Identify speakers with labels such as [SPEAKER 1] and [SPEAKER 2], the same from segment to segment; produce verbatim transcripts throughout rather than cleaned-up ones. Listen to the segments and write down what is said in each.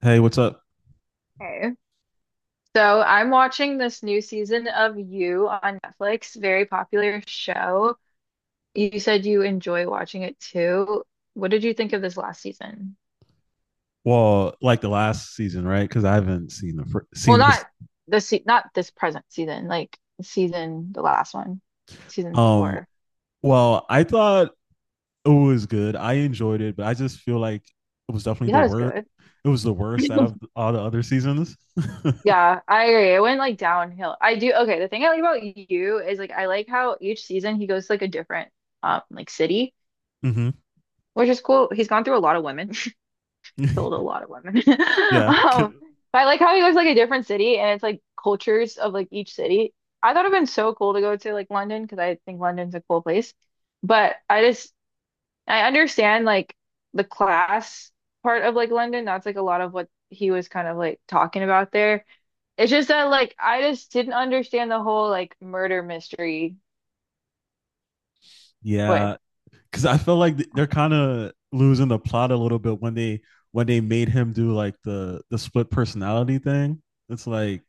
[SPEAKER 1] Hey, what's up?
[SPEAKER 2] Okay. So I'm watching this new season of You on Netflix, very popular show. You said you enjoy watching it too. What did you think of this last season?
[SPEAKER 1] Well, like the last season, right? Because I haven't seen the fir-
[SPEAKER 2] Well,
[SPEAKER 1] seen this.
[SPEAKER 2] not this se not this present season, like season the last one, season
[SPEAKER 1] Um,
[SPEAKER 2] four.
[SPEAKER 1] well, I thought it was good. I enjoyed it, but I just feel like it was
[SPEAKER 2] You
[SPEAKER 1] definitely
[SPEAKER 2] thought
[SPEAKER 1] the
[SPEAKER 2] it
[SPEAKER 1] worst.
[SPEAKER 2] was
[SPEAKER 1] It was the worst out
[SPEAKER 2] good.
[SPEAKER 1] of all the other seasons.
[SPEAKER 2] Yeah, I agree. It went like downhill. I do. Okay, the thing I like about you is like I like how each season he goes to like a different um like city,
[SPEAKER 1] Hmm.
[SPEAKER 2] which is cool. He's gone through a lot of women. Killed a lot of women.
[SPEAKER 1] Yeah.
[SPEAKER 2] Um,
[SPEAKER 1] Ki-
[SPEAKER 2] but I like how he goes like a different city and it's like cultures of like each city. I thought it'd been so cool to go to like London because I think London's a cool place. But I just I understand like the class part of like London. That's like a lot of what he was kind of like talking about there. It's just that like I just didn't understand the whole like murder mystery. But
[SPEAKER 1] Yeah. Because I feel like they're kind of losing the plot a little bit when they when they made him do like the the split personality thing. It's like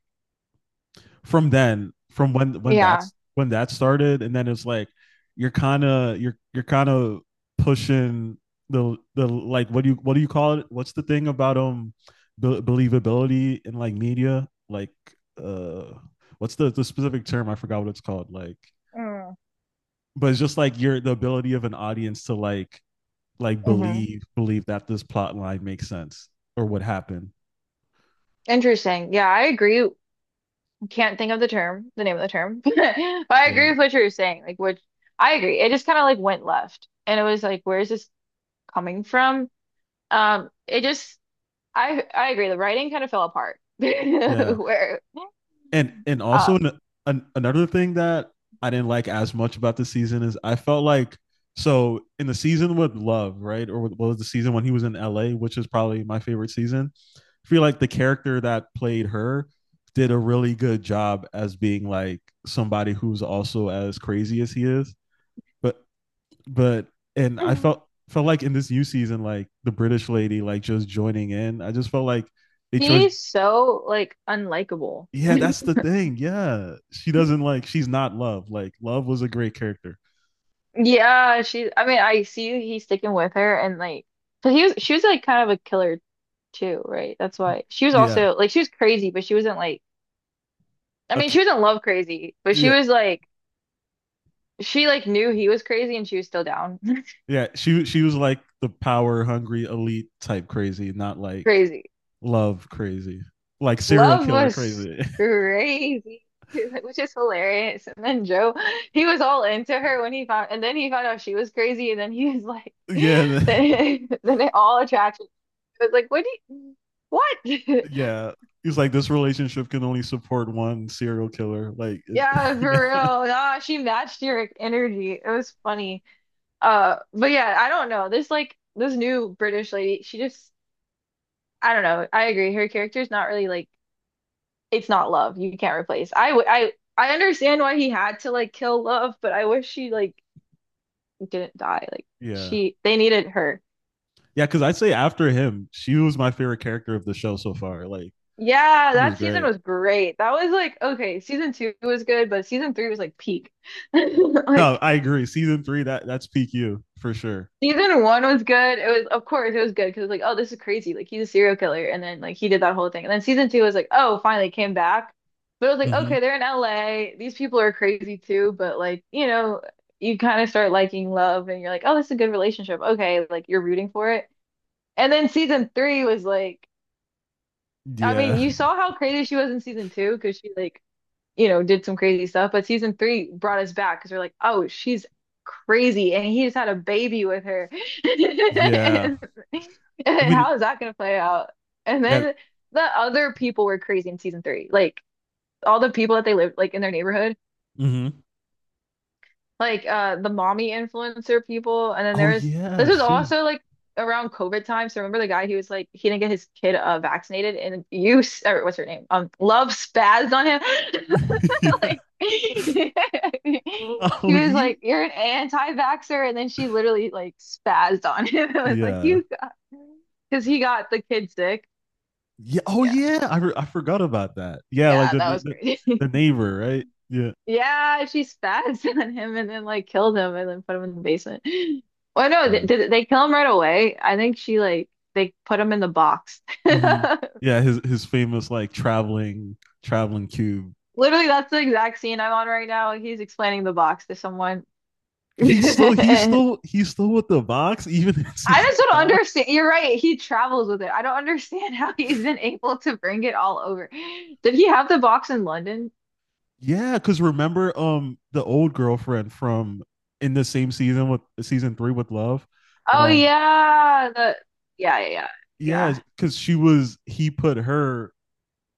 [SPEAKER 1] from then, from when when
[SPEAKER 2] yeah.
[SPEAKER 1] that's when that started, and then it's like you're kind of you're you're kind of pushing the the like what do you what do you call it? What's the thing about um be- believability in like media? Like uh, what's the the specific term? I forgot what it's called. Like,
[SPEAKER 2] Mm.
[SPEAKER 1] but it's just like your the ability of an audience to like like
[SPEAKER 2] Hmm.
[SPEAKER 1] believe believe that this plot line makes sense or what happened.
[SPEAKER 2] Interesting. Yeah, I agree, can't think of the term, the name of the term. But I
[SPEAKER 1] You
[SPEAKER 2] agree
[SPEAKER 1] know,
[SPEAKER 2] with what you were saying. Like, which I agree. It just kind of like went left, and it was like, where is this coming from? Um, it just, I, I agree. The writing kind of fell apart.
[SPEAKER 1] yeah,
[SPEAKER 2] Where,
[SPEAKER 1] and and also
[SPEAKER 2] uh,
[SPEAKER 1] an, an, another thing that I didn't like as much about the season is I felt like so in the season with Love, right, or what was the season when he was in L A, which is probably my favorite season. I feel like the character that played her did a really good job as being like somebody who's also as crazy as he is. But but and I felt felt like in this new season, like the British lady, like just joining in. I just felt like they chose.
[SPEAKER 2] she's so like unlikable.
[SPEAKER 1] Yeah, that's the thing. Yeah, she doesn't like. She's not Love. Like Love was a great character.
[SPEAKER 2] Yeah, she. I mean, I see he's sticking with her, and like, so he was. She was like kind of a killer too, right? That's why she was
[SPEAKER 1] Yeah.
[SPEAKER 2] also like she was crazy, but she wasn't like. I mean,
[SPEAKER 1] Okay.
[SPEAKER 2] she was not love crazy, but she
[SPEAKER 1] Yeah.
[SPEAKER 2] was like, she like knew he was crazy and she was still down.
[SPEAKER 1] Yeah. She she was like the power hungry elite type crazy, not like
[SPEAKER 2] Crazy.
[SPEAKER 1] Love crazy, like serial
[SPEAKER 2] Love
[SPEAKER 1] killer
[SPEAKER 2] was
[SPEAKER 1] crazy.
[SPEAKER 2] crazy, which is hilarious. And then Joe, he was all into her when he found, and then he found out she was crazy, and then he was like,
[SPEAKER 1] Yeah. The-
[SPEAKER 2] then, then it all attraction. It was like, what do you, what?
[SPEAKER 1] yeah. He's like this relationship can only support one serial killer. Like, it,
[SPEAKER 2] Yeah, for
[SPEAKER 1] yeah.
[SPEAKER 2] real. Nah, she matched your energy. It was funny. Uh, but yeah, I don't know. This like this new British lady, she just I don't know. I agree. Her character's not really like it's not love. You can't replace. I w I I understand why he had to like kill love, but I wish she like didn't die. Like
[SPEAKER 1] Yeah.
[SPEAKER 2] she they needed her.
[SPEAKER 1] Yeah, because I'd say after him, she was my favorite character of the show so far. Like
[SPEAKER 2] Yeah,
[SPEAKER 1] she was
[SPEAKER 2] that season
[SPEAKER 1] great.
[SPEAKER 2] was great. That was like okay, season two was good, but season three was like peak.
[SPEAKER 1] No,
[SPEAKER 2] Like
[SPEAKER 1] I agree. Season three, that that's peak You for sure.
[SPEAKER 2] season one was good. It was, of course, it was good because like, oh, this is crazy. Like he's a serial killer, and then like he did that whole thing. And then season two was like, oh, finally came back. But it was like,
[SPEAKER 1] Mm-hmm.
[SPEAKER 2] okay, they're in L A. These people are crazy too. But like, you know, you kind of start liking love, and you're like, oh, this is a good relationship. Okay, like you're rooting for it. And then season three was like, I mean,
[SPEAKER 1] Yeah,
[SPEAKER 2] you saw how crazy she was in season two because she like you know, did some crazy stuff. But season three brought us back because we're like, oh, she's crazy. And he just had a baby with her.
[SPEAKER 1] yeah. I
[SPEAKER 2] And
[SPEAKER 1] mean,
[SPEAKER 2] how is that going to play out? And
[SPEAKER 1] yeah.
[SPEAKER 2] then the other people were crazy in season three. Like all the people that they lived like in their neighborhood
[SPEAKER 1] Mm-hmm.
[SPEAKER 2] like uh the mommy influencer people, and then
[SPEAKER 1] Oh
[SPEAKER 2] there's
[SPEAKER 1] yeah,
[SPEAKER 2] this was
[SPEAKER 1] she was.
[SPEAKER 2] also like around COVID time, so remember the guy, he was like he didn't get his kid uh vaccinated, and you s- or what's her name, um Love spazzed on him,
[SPEAKER 1] Yeah.
[SPEAKER 2] like she
[SPEAKER 1] Oh
[SPEAKER 2] was
[SPEAKER 1] yeah.
[SPEAKER 2] like you're an anti-vaxxer, and then she literally like spazzed on him. It was like
[SPEAKER 1] Yeah.
[SPEAKER 2] you got because he got the kid sick.
[SPEAKER 1] Yeah. Oh
[SPEAKER 2] Yeah,
[SPEAKER 1] yeah. I re- I forgot about that. Yeah, like
[SPEAKER 2] yeah,
[SPEAKER 1] the
[SPEAKER 2] that
[SPEAKER 1] na-
[SPEAKER 2] was
[SPEAKER 1] the,
[SPEAKER 2] crazy.
[SPEAKER 1] the neighbor, right? Yeah.
[SPEAKER 2] Yeah, she spats on him and then like killed him and then put him in the basement. Well, no,
[SPEAKER 1] Yeah.
[SPEAKER 2] th did they kill him right away? I think she like they put him in the box.
[SPEAKER 1] Mm-hmm. Yeah. His his famous like traveling traveling cube
[SPEAKER 2] Literally, that's the exact scene I'm on right now. He's explaining the box to someone.
[SPEAKER 1] he's still he's
[SPEAKER 2] I
[SPEAKER 1] still he's still with the Vox even in season
[SPEAKER 2] just don't
[SPEAKER 1] five.
[SPEAKER 2] understand. You're right. He travels with it. I don't understand how he's been able to bring it all over. Did he have the box in London?
[SPEAKER 1] Yeah, because remember um the old girlfriend from in the same season with season three with Love.
[SPEAKER 2] Oh
[SPEAKER 1] Um
[SPEAKER 2] yeah, the yeah, yeah, yeah,
[SPEAKER 1] yeah,
[SPEAKER 2] yeah,
[SPEAKER 1] because she was he put her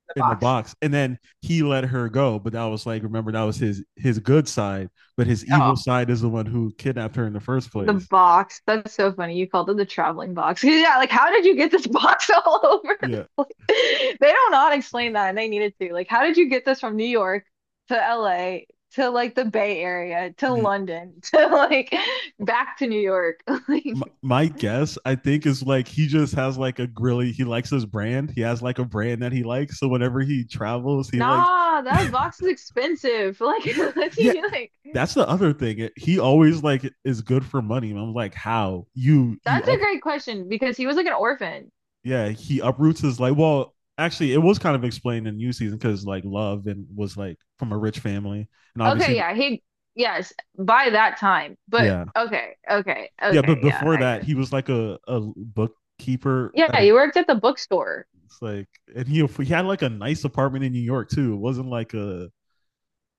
[SPEAKER 2] the
[SPEAKER 1] in the
[SPEAKER 2] box.
[SPEAKER 1] box and then he let her go. But that was like remember that was his his good side, but his evil side is the one who kidnapped her in the first
[SPEAKER 2] The
[SPEAKER 1] place.
[SPEAKER 2] box. That's so funny. You called it the traveling box. Yeah, like how did you get this box all over? the-
[SPEAKER 1] Yeah.
[SPEAKER 2] They don't not explain that and they needed to. Like, how did you get this from New York to L A to like the Bay Area to London to like back to New York? Like,
[SPEAKER 1] My guess, I think, is like he just has like a grilly. He likes his brand. He has like a brand that he likes, so whenever he travels he like
[SPEAKER 2] nah, that box is expensive. Like, let's
[SPEAKER 1] yeah,
[SPEAKER 2] see. Like?
[SPEAKER 1] that's the other thing. He always like is good for money, and I'm like, how you you
[SPEAKER 2] That's a
[SPEAKER 1] up
[SPEAKER 2] great question because he was like an orphan.
[SPEAKER 1] yeah, he uproots his like, well, actually it was kind of explained in new season because like Love and was like from a rich family, and
[SPEAKER 2] Okay,
[SPEAKER 1] obviously
[SPEAKER 2] yeah, he yes, by that time. But
[SPEAKER 1] yeah,
[SPEAKER 2] okay, okay,
[SPEAKER 1] yeah, but
[SPEAKER 2] okay, yeah,
[SPEAKER 1] before
[SPEAKER 2] I
[SPEAKER 1] that
[SPEAKER 2] guess.
[SPEAKER 1] he was like a, a bookkeeper at
[SPEAKER 2] Yeah,
[SPEAKER 1] a
[SPEAKER 2] he worked at the bookstore.
[SPEAKER 1] like, and he he had like a nice apartment in New York too. It wasn't like a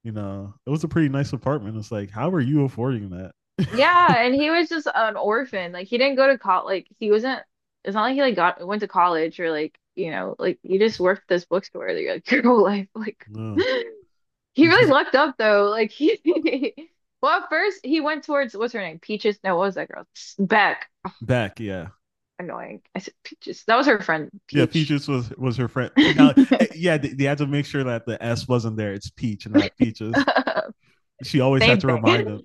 [SPEAKER 1] you know, it was a pretty nice apartment. It's like, how are you affording that?
[SPEAKER 2] Yeah, and he was just an orphan. Like he didn't go to college. Like he wasn't. It's not like he like got went to college or like you know like you just worked at this bookstore like, your- like your whole life. Like
[SPEAKER 1] No,
[SPEAKER 2] he
[SPEAKER 1] you
[SPEAKER 2] really
[SPEAKER 1] just
[SPEAKER 2] lucked up though. Like he. Well, at first he went towards what's her name? Peaches. No, what was that girl? Beck.
[SPEAKER 1] back, yeah,
[SPEAKER 2] Annoying. I said Peaches. That was her friend
[SPEAKER 1] yeah.
[SPEAKER 2] Peach.
[SPEAKER 1] Peaches was was her friend.
[SPEAKER 2] Same
[SPEAKER 1] Now, eh, yeah, they, they had to make sure that the S wasn't there. It's Peach, and not Peaches. She always had
[SPEAKER 2] thing.
[SPEAKER 1] to remind them.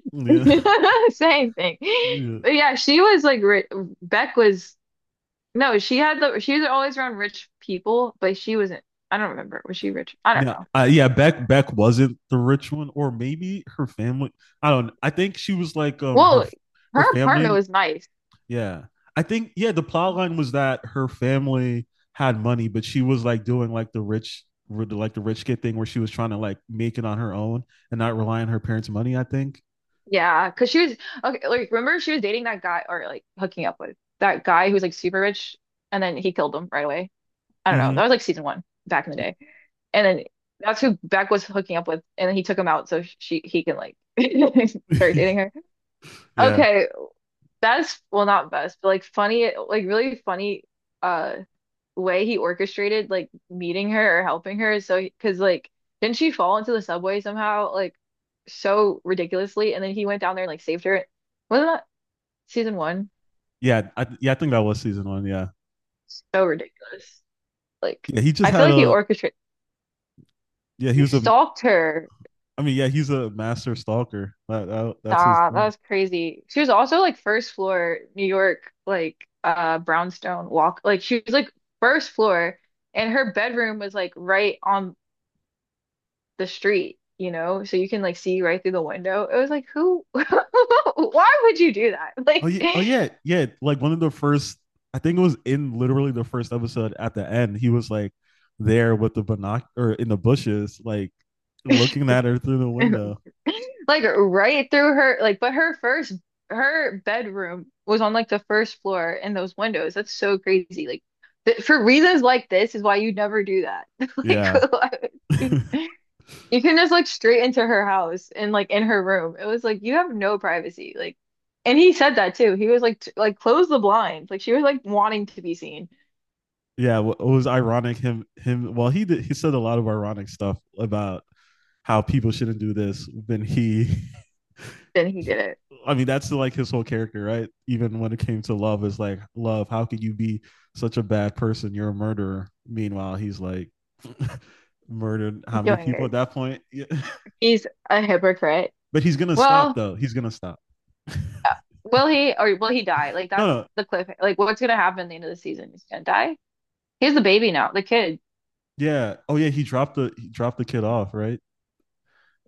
[SPEAKER 1] Yeah,
[SPEAKER 2] Same thing.
[SPEAKER 1] yeah.
[SPEAKER 2] But yeah, she was like ri Beck was no, she had the she was always around rich people, but she wasn't. I don't remember. Was she rich? I don't
[SPEAKER 1] No,
[SPEAKER 2] know.
[SPEAKER 1] uh, yeah, Beck Beck wasn't the rich one, or maybe her family. I don't know. I think she was like um her
[SPEAKER 2] Well,
[SPEAKER 1] her
[SPEAKER 2] her apartment
[SPEAKER 1] family.
[SPEAKER 2] was nice.
[SPEAKER 1] Yeah. I think yeah, the plot line was that her family had money, but she was like doing like the rich like the rich kid thing where she was trying to like make it on her own and not rely on her parents' money, I think.
[SPEAKER 2] Yeah, because she was okay. Like, remember she was dating that guy or like hooking up with that guy who was like super rich, and then he killed him right away. I don't know.
[SPEAKER 1] Mm-hmm.
[SPEAKER 2] That was like season one back in the day, and then that's who Beck was hooking up with, and then he took him out so she he can like start dating her.
[SPEAKER 1] Yeah.
[SPEAKER 2] Okay, best well not best, but like funny, like really funny. uh Way he orchestrated like meeting her or helping her is so because like didn't she fall into the subway somehow like so ridiculously, and then he went down there and like saved her, wasn't that season one,
[SPEAKER 1] Yeah. I Yeah, I think that was season one. Yeah.
[SPEAKER 2] so ridiculous, like
[SPEAKER 1] Yeah. He just
[SPEAKER 2] I feel
[SPEAKER 1] had
[SPEAKER 2] like he
[SPEAKER 1] a,
[SPEAKER 2] orchestrated
[SPEAKER 1] yeah, he
[SPEAKER 2] he
[SPEAKER 1] was a,
[SPEAKER 2] stalked her.
[SPEAKER 1] I mean, yeah, he's a master stalker. That, that that's his
[SPEAKER 2] Nah, that
[SPEAKER 1] thing.
[SPEAKER 2] was crazy, she was also like first floor New York like uh brownstone walk, like she was like first floor, and her bedroom was like right on the street, you know, so you can like see right through the window. It was like, who, why would you do that?
[SPEAKER 1] Oh
[SPEAKER 2] Like,
[SPEAKER 1] yeah, oh yeah, yeah. Like one of the first, I think it was in literally the first episode. At the end, he was like there with the binoc or in the bushes, like looking at her through the window.
[SPEAKER 2] like right through her, like, but her first, her bedroom was on like the first floor and those windows. That's so crazy. Like, th for reasons like this is why you never do that. Like,
[SPEAKER 1] Yeah,
[SPEAKER 2] you you can just like straight into her house and like in her room. It was like, you have no privacy. Like, and he said that too. He was like, t like close the blinds. Like she was like wanting to be seen.
[SPEAKER 1] yeah. It was ironic. Him, him. Well, he did. He said a lot of ironic stuff about how people shouldn't do this. Then he,
[SPEAKER 2] Then he did it.
[SPEAKER 1] I mean, that's like his whole character, right? Even when it came to Love, is like Love. How could you be such a bad person? You're a murderer. Meanwhile, he's like, murdered how many
[SPEAKER 2] Doing
[SPEAKER 1] people at
[SPEAKER 2] it.
[SPEAKER 1] that point? Yeah.
[SPEAKER 2] He's a hypocrite.
[SPEAKER 1] But he's gonna stop
[SPEAKER 2] Well,
[SPEAKER 1] though. He's gonna stop.
[SPEAKER 2] uh, will he or will he die? Like
[SPEAKER 1] No,
[SPEAKER 2] that's
[SPEAKER 1] no.
[SPEAKER 2] the cliff. Like what's gonna happen at the end of the season? He's gonna die. He's the baby now, the kid.
[SPEAKER 1] Yeah. Oh yeah, he dropped the he dropped the kid off, right?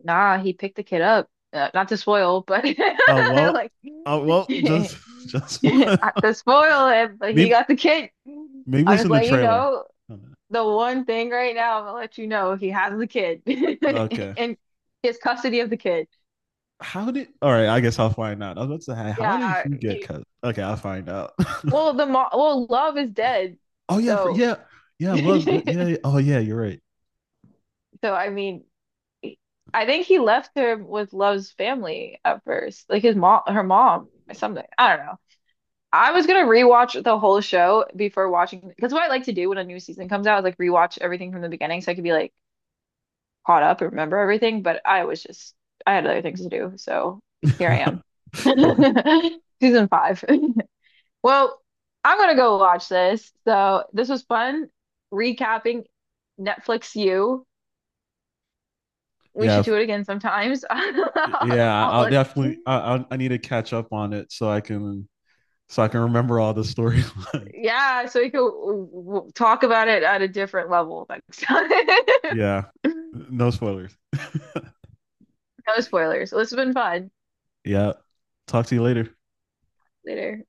[SPEAKER 2] Nah, he picked the kid up. Uh, not to spoil, but
[SPEAKER 1] Oh uh, well.
[SPEAKER 2] like
[SPEAKER 1] Oh uh, well, just just one.
[SPEAKER 2] not to spoil it, but he
[SPEAKER 1] maybe
[SPEAKER 2] got the kid.
[SPEAKER 1] maybe it
[SPEAKER 2] I'll
[SPEAKER 1] was
[SPEAKER 2] just
[SPEAKER 1] in the
[SPEAKER 2] let you
[SPEAKER 1] trailer.
[SPEAKER 2] know
[SPEAKER 1] Oh,
[SPEAKER 2] the one thing right now. I'm gonna let you know he has the kid
[SPEAKER 1] no. Okay.
[SPEAKER 2] and he has custody of the kid.
[SPEAKER 1] How did, all right, I guess I'll find out. I was about to say hey, how did
[SPEAKER 2] Yeah,
[SPEAKER 1] he get
[SPEAKER 2] you,
[SPEAKER 1] cut? Okay, I'll find out.
[SPEAKER 2] well, the mo well, love is dead.
[SPEAKER 1] Oh yeah, for
[SPEAKER 2] So,
[SPEAKER 1] yeah, yeah, love
[SPEAKER 2] so
[SPEAKER 1] it. Yeah, yeah. Oh yeah, you're right.
[SPEAKER 2] I mean, I think he left her with Love's family at first, like his mom, her mom, or something. I don't know. I was gonna rewatch the whole show before watching because what I like to do when a new season comes out is like rewatch everything from the beginning so I could be like caught up and remember everything. But I was just I had other things to do, so here I am, season five. Well, I'm gonna go watch this. So this was fun recapping Netflix You. We
[SPEAKER 1] Yeah,
[SPEAKER 2] should do it again sometimes. I'll,
[SPEAKER 1] yeah,
[SPEAKER 2] I'll
[SPEAKER 1] I'll
[SPEAKER 2] let-
[SPEAKER 1] definitely I I need to catch up on it so I can so I can remember all the storylines.
[SPEAKER 2] yeah, so we could w- w- talk about it at a different level next time.
[SPEAKER 1] Yeah. No spoilers.
[SPEAKER 2] No spoilers. This has been fun.
[SPEAKER 1] Yeah. Talk to you later.
[SPEAKER 2] Later.